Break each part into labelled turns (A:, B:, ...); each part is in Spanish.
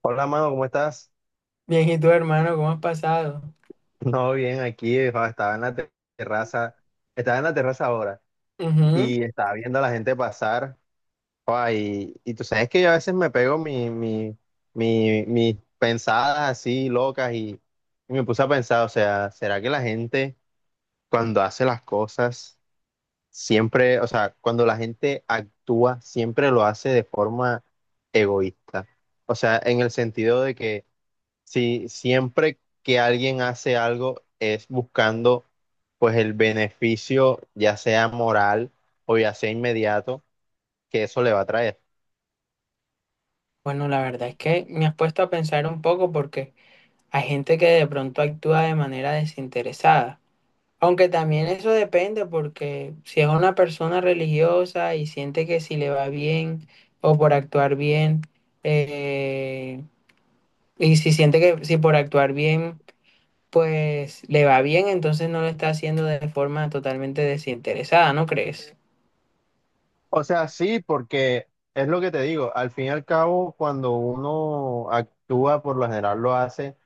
A: Hola, mano, ¿cómo estás?
B: Bien, ¿y tú, hermano, cómo has pasado?
A: No, bien, aquí jo, estaba en la terraza, estaba en la terraza ahora
B: Ujú.
A: y estaba viendo a la gente pasar. Jo, y tú sabes que yo a veces me pego mis pensadas así locas y me puse a pensar, o sea, ¿será que la gente cuando hace las cosas siempre, o sea, cuando la gente actúa siempre lo hace de forma egoísta? O sea, en el sentido de que sí, siempre que alguien hace algo es buscando pues el beneficio, ya sea moral o ya sea inmediato, que eso le va a traer.
B: Bueno, la verdad es que me has puesto a pensar un poco porque hay gente que de pronto actúa de manera desinteresada. Aunque también eso depende porque si es una persona religiosa y siente que si le va bien o por actuar bien, eh, y si siente que si por actuar bien, pues le va bien, entonces no lo está haciendo de forma totalmente desinteresada, ¿no crees?
A: O sea, sí, porque es lo que te digo, al fin y al cabo, cuando uno actúa, por lo general lo hace,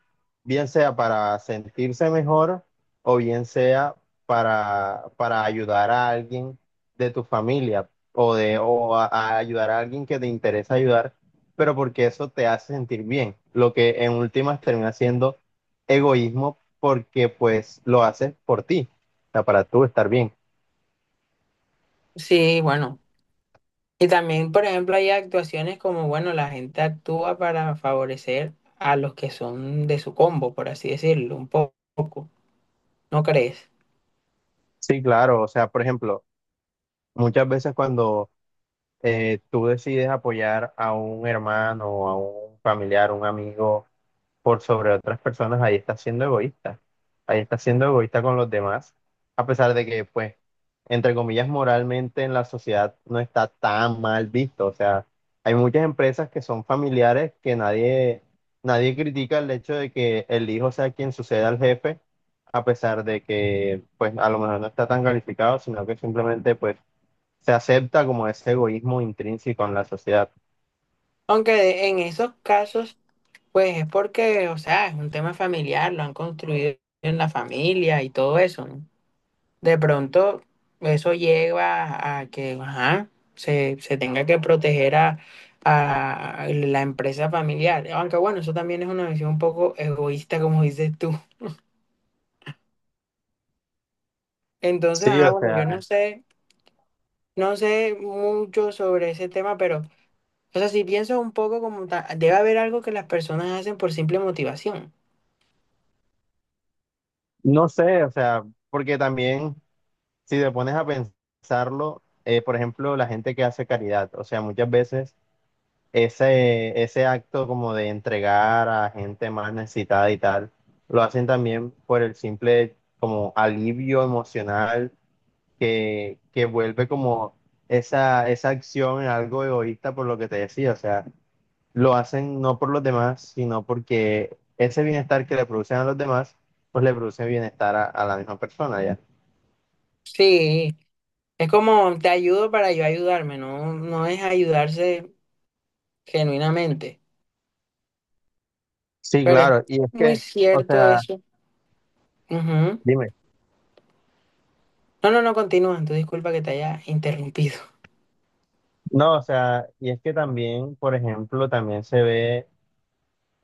A: bien sea para sentirse mejor o bien sea para ayudar a alguien de tu familia o a ayudar a alguien que te interesa ayudar, pero porque eso te hace sentir bien, lo que en últimas termina siendo egoísmo porque pues lo haces por ti, o sea, para tú estar bien.
B: Sí, bueno. Y también, por ejemplo, hay actuaciones como, bueno, la gente actúa para favorecer a los que son de su combo, por así decirlo, poco, ¿no crees?
A: Sí, claro, o sea, por ejemplo, muchas veces cuando tú decides apoyar a un hermano, a un familiar, un amigo, por sobre otras personas, ahí está siendo egoísta. Ahí está siendo egoísta con los demás, a pesar de que, pues, entre comillas, moralmente en la sociedad no está tan mal visto. O sea, hay muchas empresas que son familiares que nadie critica el hecho de que el hijo sea quien suceda al jefe, a pesar de que, pues, a lo mejor no está tan calificado, sino que simplemente, pues, se acepta como ese egoísmo intrínseco en la sociedad.
B: Aunque en esos casos, pues es porque, o sea, es un tema familiar, lo han construido en la familia y todo eso, ¿no? De pronto, eso lleva a que, ajá, se tenga que proteger a la empresa familiar. Aunque bueno, eso también es una visión un poco egoísta, como dices tú. Entonces,
A: Sí, o
B: bueno, yo
A: sea,
B: no sé, no sé mucho sobre ese tema, pero, o sea, si pienso un poco como debe haber algo que las personas hacen por simple motivación.
A: no sé, o sea, porque también si te pones a pensarlo, por ejemplo, la gente que hace caridad, o sea, muchas veces ese acto como de entregar a gente más necesitada y tal, lo hacen también por el simple como alivio emocional que vuelve como esa acción en algo egoísta por lo que te decía, o sea, lo hacen no por los demás, sino porque ese bienestar que le producen a los demás, pues le produce bienestar a la misma persona, ¿ya?
B: Sí, es como te ayudo para yo ayudarme, no, no es ayudarse genuinamente,
A: Sí,
B: pero es
A: claro, y es
B: muy
A: que... O
B: cierto
A: sea,
B: eso. Ujú.
A: dime.
B: No, no, no, continúa, tú disculpa que te haya interrumpido.
A: No, o sea, y es que también, por ejemplo, también se ve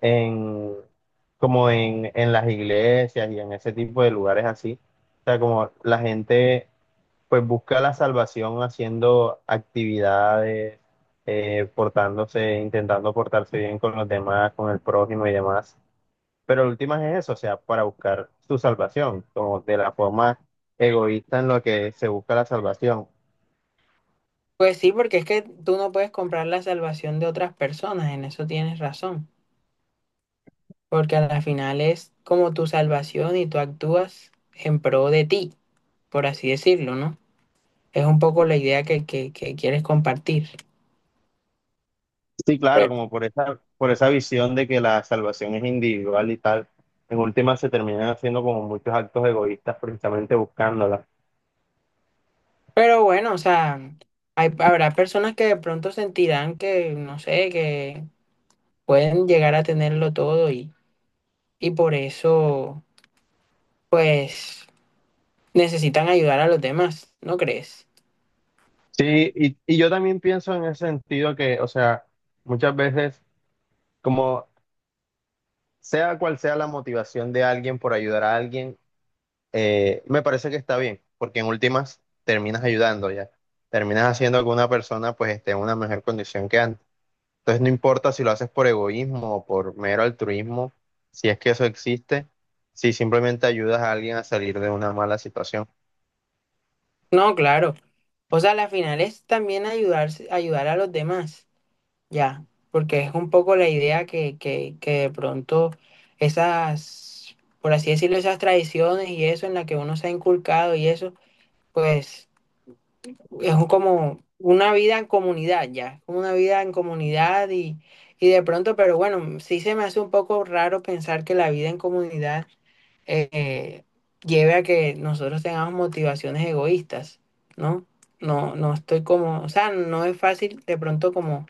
A: en, en las iglesias y en ese tipo de lugares así. O sea, como la gente pues busca la salvación haciendo actividades, portándose, intentando portarse bien con los demás, con el prójimo y demás. Pero lo último es eso, o sea, para buscar su salvación, como de la forma egoísta en lo que se busca la salvación.
B: Pues sí, porque es que tú no puedes comprar la salvación de otras personas, en eso tienes razón. Porque a la final es como tu salvación y tú actúas en pro de ti, por así decirlo, ¿no? Es un poco la idea que quieres compartir.
A: Sí, claro,
B: Pero
A: como por por esa visión de que la salvación es individual y tal, en última se terminan haciendo como muchos actos egoístas precisamente buscándola.
B: pero bueno, o sea, hay, habrá personas que de pronto sentirán que, no sé, que pueden llegar a tenerlo todo y por eso, pues, necesitan ayudar a los demás, ¿no crees?
A: Sí, y yo también pienso en ese sentido que, o sea, muchas veces, como sea cual sea la motivación de alguien por ayudar a alguien, me parece que está bien, porque en últimas terminas ayudando ya, terminas haciendo que una persona pues esté en una mejor condición que antes. Entonces no importa si lo haces por egoísmo o por mero altruismo, si es que eso existe, si simplemente ayudas a alguien a salir de una mala situación.
B: No, claro. O sea, la final es también ayudarse, ayudar a los demás. Ya, porque es un poco la idea que de pronto esas, por así decirlo, esas tradiciones y eso en la que uno se ha inculcado y eso, pues es como una vida en comunidad ya, como una vida en comunidad y de pronto, pero bueno, sí se me hace un poco raro pensar que la vida en comunidad eh, lleve a que nosotros tengamos motivaciones egoístas, ¿no? No, no estoy como, o sea, no es fácil de pronto como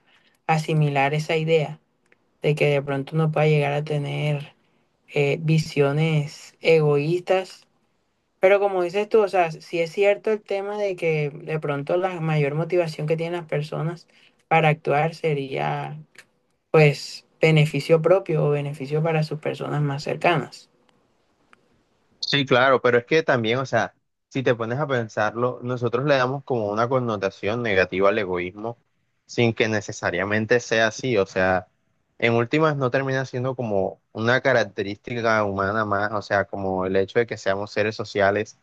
B: asimilar esa idea de que de pronto uno pueda llegar a tener visiones egoístas, pero como dices tú, o sea, sí es cierto el tema de que de pronto la mayor motivación que tienen las personas para actuar sería, pues, beneficio propio o beneficio para sus personas más cercanas.
A: Sí, claro, pero es que también, o sea, si te pones a pensarlo, nosotros le damos como una connotación negativa al egoísmo sin que necesariamente sea así, o sea, en últimas no termina siendo como una característica humana más, o sea, como el hecho de que seamos seres sociales,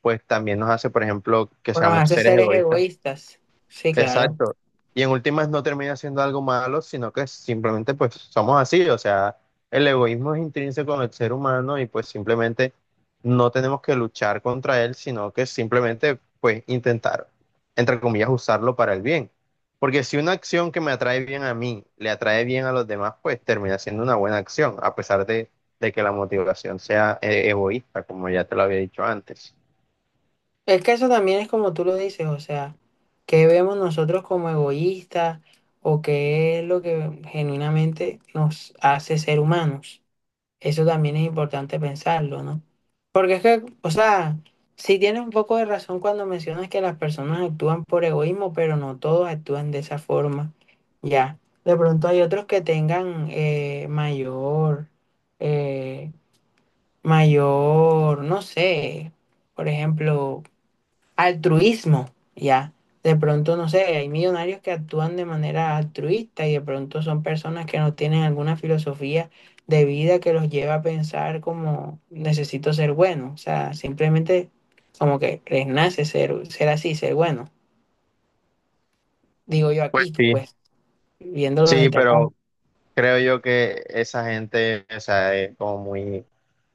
A: pues también nos hace, por ejemplo, que
B: O nos
A: seamos
B: hace
A: seres
B: seres
A: egoístas.
B: egoístas. Sí, claro.
A: Exacto. Y en últimas no termina siendo algo malo, sino que simplemente pues somos así. O sea, el egoísmo es intrínseco en el ser humano y pues simplemente no tenemos que luchar contra él, sino que simplemente pues intentar, entre comillas, usarlo para el bien. Porque si una acción que me atrae bien a mí le atrae bien a los demás, pues termina siendo una buena acción, a pesar de que la motivación sea egoísta, como ya te lo había dicho antes.
B: Es que eso también es como tú lo dices, o sea, ¿qué vemos nosotros como egoístas o qué es lo que genuinamente nos hace ser humanos? Eso también es importante pensarlo, ¿no? Porque es que, o sea, sí tienes un poco de razón cuando mencionas que las personas actúan por egoísmo, pero no todos actúan de esa forma. Ya, de pronto hay otros que tengan mayor, eh, mayor, no sé, por ejemplo, altruismo, ¿ya? De pronto, no sé, hay millonarios que actúan de manera altruista y de pronto son personas que no tienen alguna filosofía de vida que los lleva a pensar como necesito ser bueno, o sea, simplemente como que les nace ser, ser así, ser bueno, digo yo
A: Pues
B: aquí,
A: sí,
B: pues, viéndolo
A: sí,
B: desde acá.
A: pero creo yo que esa gente, o sea, es como muy, o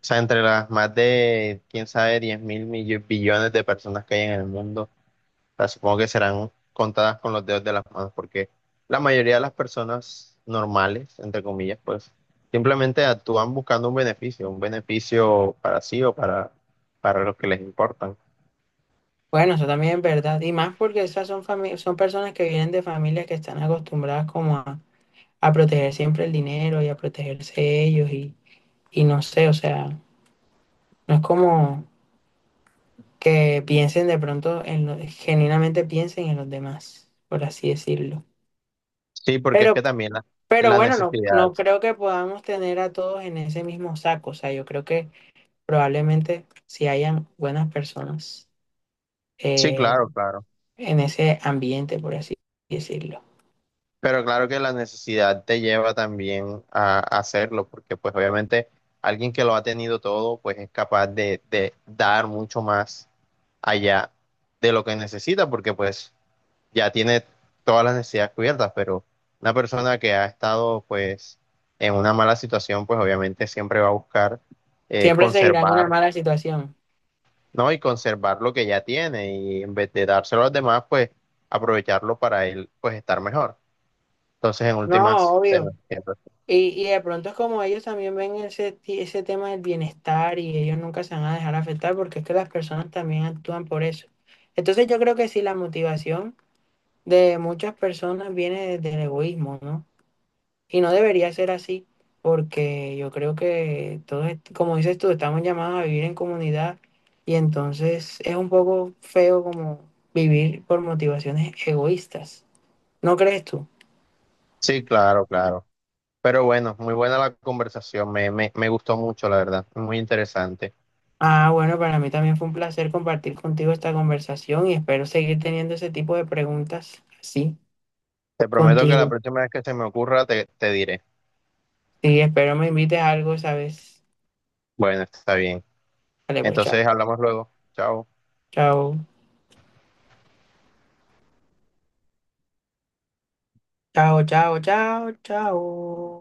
A: sea, entre las más de, quién sabe, billones de personas que hay en el mundo, o sea, supongo que serán contadas con los dedos de las manos, porque la mayoría de las personas normales, entre comillas, pues simplemente actúan buscando un beneficio para sí o para los que les importan.
B: Bueno, eso también es verdad, y más porque esas son, son personas que vienen de familias que están acostumbradas como a proteger siempre el dinero y a protegerse ellos y no sé, o sea... No es como que piensen de pronto en lo, genuinamente piensen en los demás, por así decirlo.
A: Sí, porque es
B: Pero,
A: que también
B: pero
A: la
B: bueno, no,
A: necesidad.
B: no creo que podamos tener a todos en ese mismo saco. O sea, yo creo que probablemente si hayan buenas personas
A: Sí,
B: eh,
A: claro, claro.
B: en ese ambiente, por así decirlo.
A: Pero claro que la necesidad te lleva también a hacerlo, porque pues obviamente alguien que lo ha tenido todo, pues es capaz de dar mucho más allá de lo que necesita, porque pues ya tiene todas las necesidades cubiertas, pero una persona que ha estado pues en una mala situación, pues obviamente siempre va a buscar
B: Siempre seguirán
A: conservar,
B: una mala situación.
A: ¿no? Y conservar lo que ya tiene y en vez de dárselo a los demás, pues aprovecharlo para él, pues estar mejor. Entonces, en
B: No,
A: últimas, te
B: obvio.
A: lo entiendo.
B: Y de pronto es como ellos también ven ese, ese tema del bienestar y ellos nunca se van a dejar afectar porque es que las personas también actúan por eso. Entonces yo creo que sí, la motivación de muchas personas viene desde el egoísmo, ¿no? Y no debería ser así porque yo creo que todos, como dices tú, estamos llamados a vivir en comunidad y entonces es un poco feo como vivir por motivaciones egoístas. ¿No crees tú?
A: Sí, claro, claro. Pero bueno, muy buena la conversación, me gustó mucho, la verdad, muy interesante.
B: Ah, bueno, para mí también fue un placer compartir contigo esta conversación y espero seguir teniendo ese tipo de preguntas así
A: Te prometo que la
B: contigo.
A: próxima vez que se me ocurra, te diré.
B: Sí, espero me invites a algo, ¿sabes?
A: Bueno, está bien.
B: Vale, pues chao.
A: Entonces, hablamos luego. Chao.
B: Chao, chao, chao, chao, chao.